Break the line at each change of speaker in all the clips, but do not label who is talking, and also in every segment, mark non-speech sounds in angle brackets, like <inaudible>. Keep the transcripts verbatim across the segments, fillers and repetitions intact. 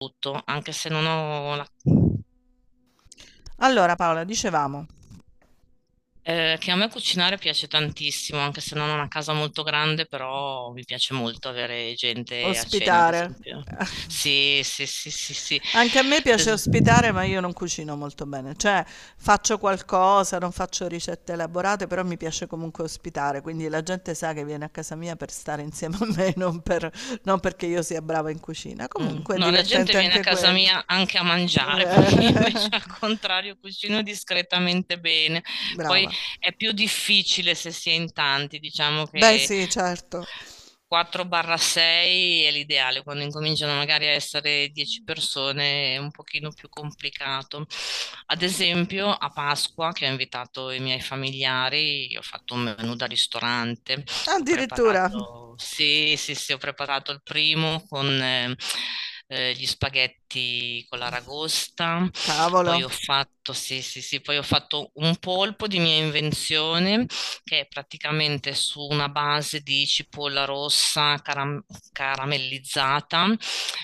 Tutto, anche se non ho la...
Allora Paola, dicevamo,
eh, che a me cucinare piace tantissimo, anche se non ho una casa molto grande, però mi piace molto avere gente a cena, ad
ospitare.
esempio.
<laughs>
Sì, sì, sì, sì, sì.
Anche a me piace
Es-
ospitare, ma io non cucino molto bene, cioè faccio qualcosa, non faccio ricette elaborate, però mi piace comunque ospitare, quindi la gente sa che viene a casa mia per stare insieme a me, <laughs> non per- non perché io sia brava in cucina.
Mm.
Comunque è
No, la gente
divertente
viene a
anche
casa
quello.
mia anche a
<laughs>
mangiare, <laughs> perché io invece al contrario cucino discretamente bene. Poi
Brava.
è più difficile se si è in tanti, diciamo
Beh,
che
sì, certo.
da quattro a sei è l'ideale, quando incominciano magari a essere dieci persone è un pochino più complicato. Ad esempio, a Pasqua, che ho invitato i miei familiari, io ho fatto un menù da ristorante, ho
Addirittura,
preparato, sì, sì, sì, ho preparato il primo con eh, eh, gli spaghetti con l'aragosta,
cavolo.
poi ho fatto, sì, sì, sì, poi ho fatto un polpo di mia invenzione che è praticamente su una base di cipolla rossa caram- caramellizzata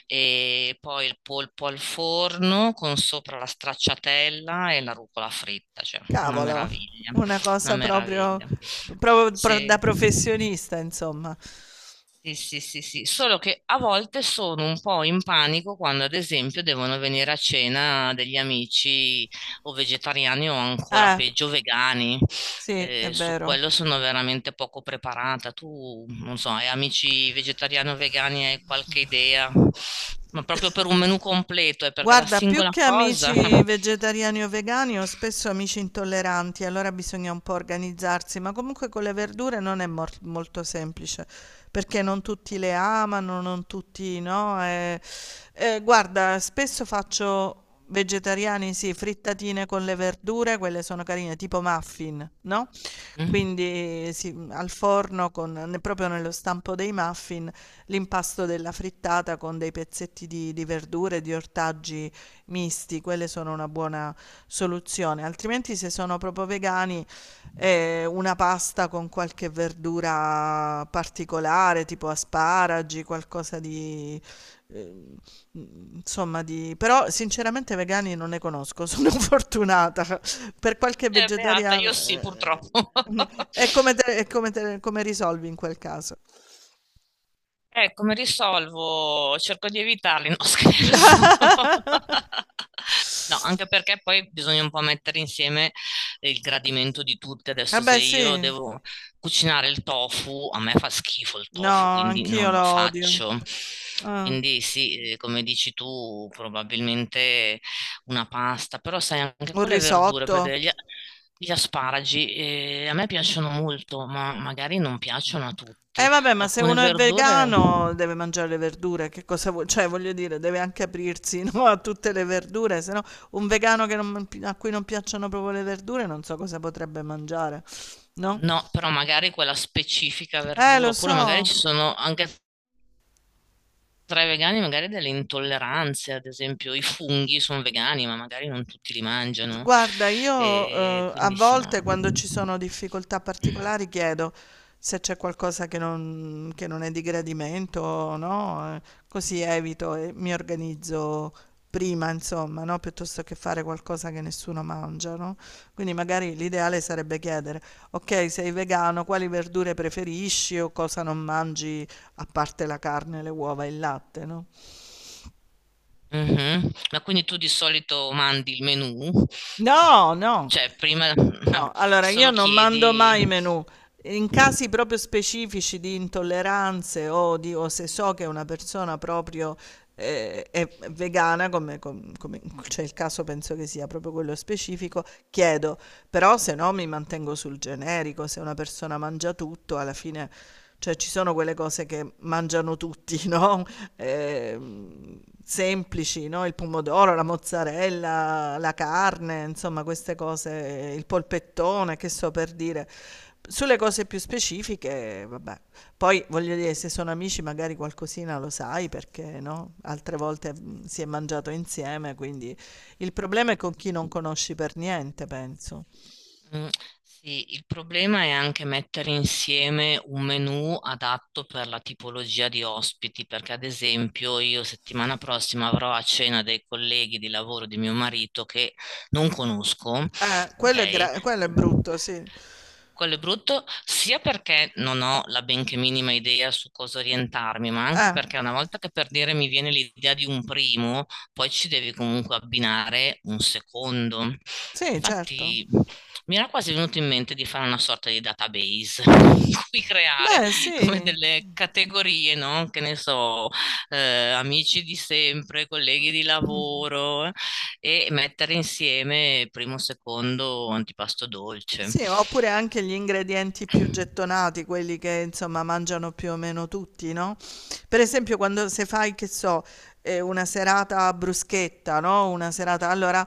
e poi il polpo al forno con sopra la stracciatella e la rucola fritta, cioè una
Cavolo,
meraviglia,
una
una
cosa proprio,
meraviglia.
proprio pro- da
Sì.
professionista, insomma.
Sì, sì, sì, sì, solo che a volte sono un po' in panico quando, ad esempio, devono venire a cena degli amici o vegetariani o ancora
Eh,
peggio vegani.
sì, è
Eh, su
vero.
quello sono veramente poco preparata. Tu, non so, hai amici vegetariani o vegani, hai qualche idea? Ma proprio per un menù completo, è perché la
Guarda, più
singola
che
cosa... <laughs>
amici vegetariani o vegani, ho spesso amici intolleranti, allora bisogna un po' organizzarsi, ma comunque con le verdure non è mor- molto semplice, perché non tutti le amano, non tutti no. Eh, eh, guarda, spesso faccio vegetariani sì, frittatine con le verdure, quelle sono carine, tipo muffin, no,
Mm?
quindi sì, mhmm, al forno con ne proprio nello stampo dei muffin, l'impasto della frittata con dei pezzetti di di verdure, di ortaggi misti, quelle sono una buona soluzione. Altrimenti se sono proprio vegani, ehm, una pasta con qualche verdura particolare, tipo asparagi, qualcosa di, ehm Mhmm, insomma di però sinceramente vegani non ne conosco, sono <laughs> fortunata. Per qualche
Eh, beata,
vegetariano
io sì, purtroppo.
ehm, mh, e come
<laughs>
te e come te come risolvi in quel caso?
Eh, come risolvo? Cerco di evitarli, no <laughs> scherzo.
<laughs>
No, anche perché poi bisogna un po' mettere insieme il gradimento di tutti.
Eh
Adesso se
beh sì.
io devo cucinare il tofu, a me fa schifo il
No,
tofu, quindi
anch'io
non
lo
lo
odio.
faccio.
Ah.
Quindi sì, eh, come dici tu, probabilmente una pasta, però sai anche
Un
con le verdure, per
risotto.
degli, gli asparagi, eh, a me piacciono molto, ma magari non piacciono a
Eh
tutti.
vabbè, ma se
Alcune
uno è
verdure...
vegano deve mangiare le verdure, che cosa vuoi cioè voglio dire, deve anche aprirsi, <laughs> no, a tutte le verdure, se no un vegano che non a cui non piacciono proprio le verdure non so cosa potrebbe mangiare. No?
No, però magari quella specifica
Eh,
verdura,
lo
oppure magari
so.
ci sono anche tra i vegani magari delle intolleranze, ad esempio i funghi sono vegani, ma magari non tutti li mangiano.
Guarda, io
E
eh, a
quindi sì, no.
volte quando ci sono difficoltà particolari chiedo se c'è qualcosa che non, che non è di gradimento, no? Eh, così evito e mi organizzo prima, insomma, no? Piuttosto che fare qualcosa che nessuno mangia, no? Quindi magari l'ideale sarebbe chiedere, ok, sei vegano, quali verdure preferisci o cosa non mangi a parte la carne, le uova e il latte, no?
Mhm. Ma quindi tu di solito mandi il menù?
No, no.
Cioè, prima no,
No, allora io
solo
non mando
chiedi.
mai i menù. In casi proprio specifici di intolleranze o, di, o se so che una persona proprio eh, è vegana, come, com- come- c'è il caso, penso che sia proprio quello specifico, chiedo però se no mi mantengo sul generico, se una persona mangia tutto, alla fine, cioè ci sono quelle cose che mangiano tutti, <laughs> no? Ehm, semplici, no? Il pomodoro, la mozzarella, la carne, insomma queste cose, il polpettone, che so per dire. Sulle cose più specifiche, vabbè. Poi voglio dire, se sono amici magari qualcosina lo sai perché no? Altre volte mm, si è mangiato insieme, quindi il problema è con chi non conosci per niente, penso.
Mm. Sì, il problema è anche mettere insieme un menù adatto per la tipologia di ospiti, perché ad esempio io settimana prossima avrò a cena dei colleghi di lavoro di mio marito che non conosco,
Eh, quello è
ok?
gra- quello è brutto, sì.
Quello è brutto sia perché non ho la benché minima idea su cosa orientarmi, ma anche
Eh,
perché una volta che per dire mi viene l'idea di un primo, poi ci devi comunque abbinare un secondo.
sì, certo.
Infatti, mi era quasi venuto in mente di fare una sorta di database, <laughs> in cui creare
Beh,
come
sì.
delle categorie, no? Che ne so, eh, amici di sempre, colleghi di lavoro, eh, e mettere insieme primo, secondo, antipasto dolce.
Sì, oppure anche gli ingredienti più gettonati, quelli che insomma mangiano più o meno tutti, no, per esempio quando se fai, che so, ehm, una serata bruschetta, no, una serata allora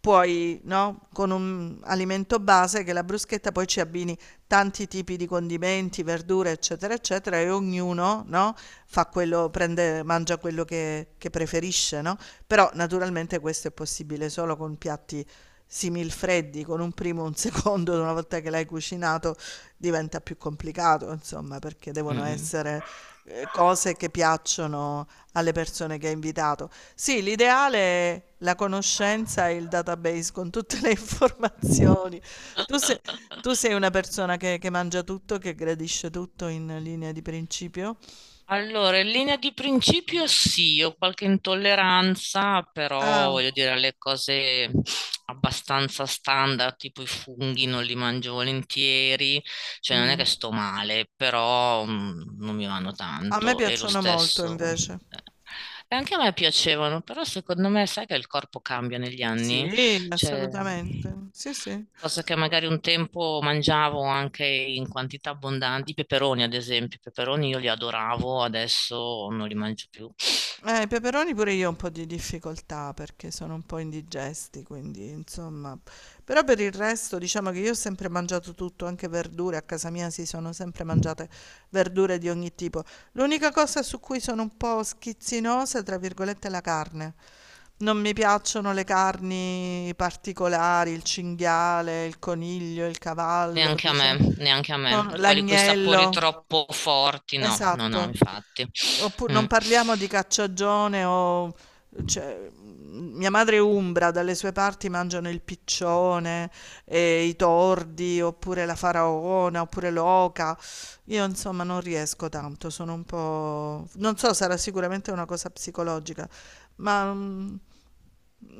puoi, no, con un alimento base che è la bruschetta, poi ci abbini tanti tipi di condimenti, verdure, eccetera, eccetera e ognuno, no, fa quello prende mangia quello che che preferisce, no, però naturalmente questo è possibile solo con piatti similfreddi con un primo e un secondo, una volta che l'hai cucinato diventa più complicato, insomma, perché devono
Mm.
essere eh, cose che piacciono alle persone che hai invitato. Sì, l'ideale è la conoscenza e il database con tutte le <laughs> informazioni. Tu sei, tu sei una persona che, che mangia tutto, che gradisce tutto in linea di principio?
Allora, in linea di principio sì, ho qualche intolleranza, però
Ah,
voglio dire alle cose abbastanza standard, tipo i funghi non li mangio volentieri, cioè non è
mm.
che sto male, però mm, non mi vanno
A me
tanto e lo
piacciono molto
stesso.
invece.
eh, E anche a me piacevano, però secondo me sai che il corpo cambia negli anni?
Sì,
Cioè,
assolutamente. Sì, sì.
cosa che magari un tempo mangiavo anche in quantità abbondanti, i peperoni ad esempio, i peperoni io li adoravo, adesso non li mangio più.
Eh, i peperoni pure io ho un po' di difficoltà perché sono un po' indigesti, quindi insomma. Però per il resto diciamo che io ho sempre mangiato tutto, anche verdure, a casa mia si sono sempre mangiate verdure di ogni tipo. L'unica cosa su cui sono un po' schizzinosa, tra virgolette, è la carne. Non mi piacciono le carni particolari, il cinghiale, il coniglio, il cavallo,
Neanche a
diciamo,
me, neanche a me.
sono-
Quelli con i sapori
l'agnello.
troppo forti, no, no, no,
Esatto.
infatti.
Oppure
Mm.
non parliamo di cacciagione o cioè, mm, mia madre è umbra, dalle sue parti mangiano il piccione, e i tordi, oppure la faraona, oppure l'oca. Io insomma non riesco tanto, sono un po'... Non so, sarà sicuramente una cosa psicologica, ma mm,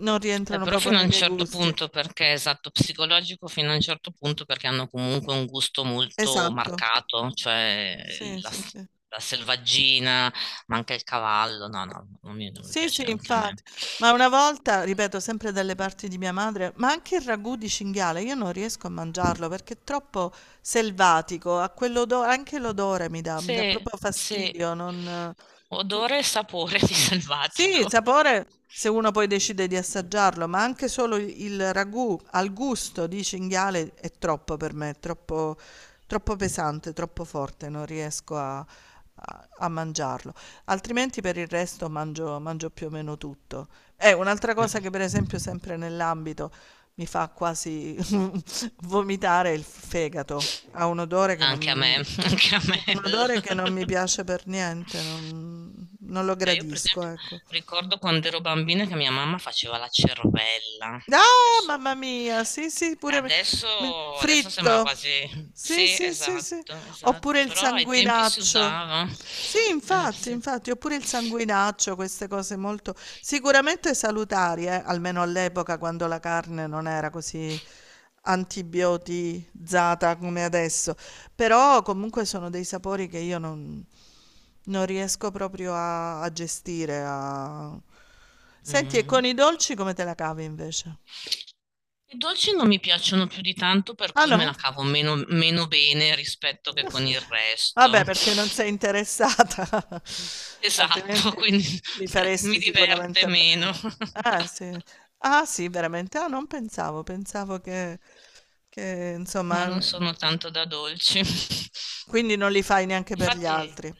non
Beh,
rientrano
però
proprio
fino a
nei
un
miei
certo
gusti.
punto, perché esatto, psicologico fino a un certo punto, perché hanno comunque un gusto molto
Esatto.
marcato, cioè
Sì,
la,
sì, sì.
la selvaggina, ma anche il cavallo. No, no, non mi, non mi
Sì,
piace
sì,
anche a me.
infatti. Ma una volta, ripeto, sempre dalle parti di mia madre, ma anche il ragù di cinghiale, io non riesco a mangiarlo perché è troppo selvatico, ha quell'odore, anche l'odore mi dà, mi dà
Sì,
proprio
sì,
fastidio, non...
odore e sapore di
Sì, il
selvatico.
sapore se uno poi decide di assaggiarlo, ma anche solo il il ragù al gusto di cinghiale è troppo per me, è troppo, troppo pesante, troppo forte, non riesco a, a- a mangiarlo. Altrimenti per il resto mangio, mangio più o meno tutto. È un'altra cosa che
Mm.
per esempio sempre nell'ambito mi fa quasi <laughs> vomitare è il fegato. Ha un odore che non
Anche a me,
mi,
<laughs> anche a
un odore che
me.
non mi piace per
<laughs>
niente, non, non lo
Eh, io per
gradisco,
esempio
ecco.
ricordo quando ero bambina che mia mamma faceva la cervella.
Ah,
Adesso,
mamma mia, sì, sì, pure me-
adesso,
me-
adesso sembra
fritto.
quasi...
Sì,
Sì,
sì, sì, sì.
esatto,
Oppure
esatto,
il
però ai tempi si
sanguinaccio.
usava.
Sì,
Eh,
infatti,
sì.
infatti, oppure il sanguinaccio, queste cose molto sicuramente salutari, eh, almeno all'epoca quando la carne non era così antibiotizzata come adesso. Però comunque sono dei sapori che io non, non riesco proprio a, a gestire. a- Senti, e
Mm.
con i dolci come te la cavi invece?
I dolci non mi piacciono più di tanto, per
Ah
cui me
no?
la cavo meno, meno bene rispetto che con il
Vabbè
resto.
perché non sei interessata, <laughs>
Esatto,
altrimenti
quindi
li
<laughs> mi
faresti
diverte
sicuramente
meno. <laughs>
bene. Eh sì. Ah sì, veramente? Ah non pensavo, pensavo che che
No,
insomma
non
n
sono tanto da dolci.
quindi non li fai neanche per gli
Infatti,
altri.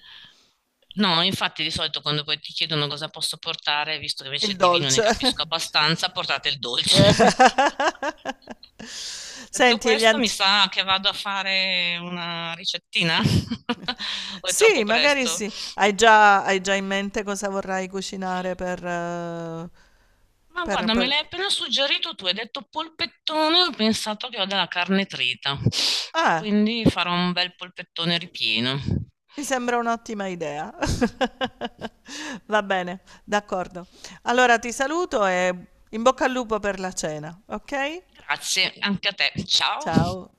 no, infatti di solito quando poi ti chiedono cosa posso portare, visto che invece
Il
di vino ne
dolce.
capisco abbastanza, portate il dolce. <laughs>
<laughs>
Detto
Senti e gli
questo, mi
anti
sa che vado a fare una ricettina <laughs> o è
sì,
troppo
magari
presto?
sì. Hai già hai già in mente cosa vorrai cucinare per eh,
Ma
per
guarda, me
per
l'hai appena suggerito tu, hai detto polpettone, ho pensato che ho della carne trita,
ah.
quindi farò un bel polpettone ripieno.
Mi sembra un'ottima idea. <laughs> Va bene, d'accordo. Allora ti saluto e in bocca al lupo per la cena, ok?
Grazie, anche a te. Ciao.
Ciao.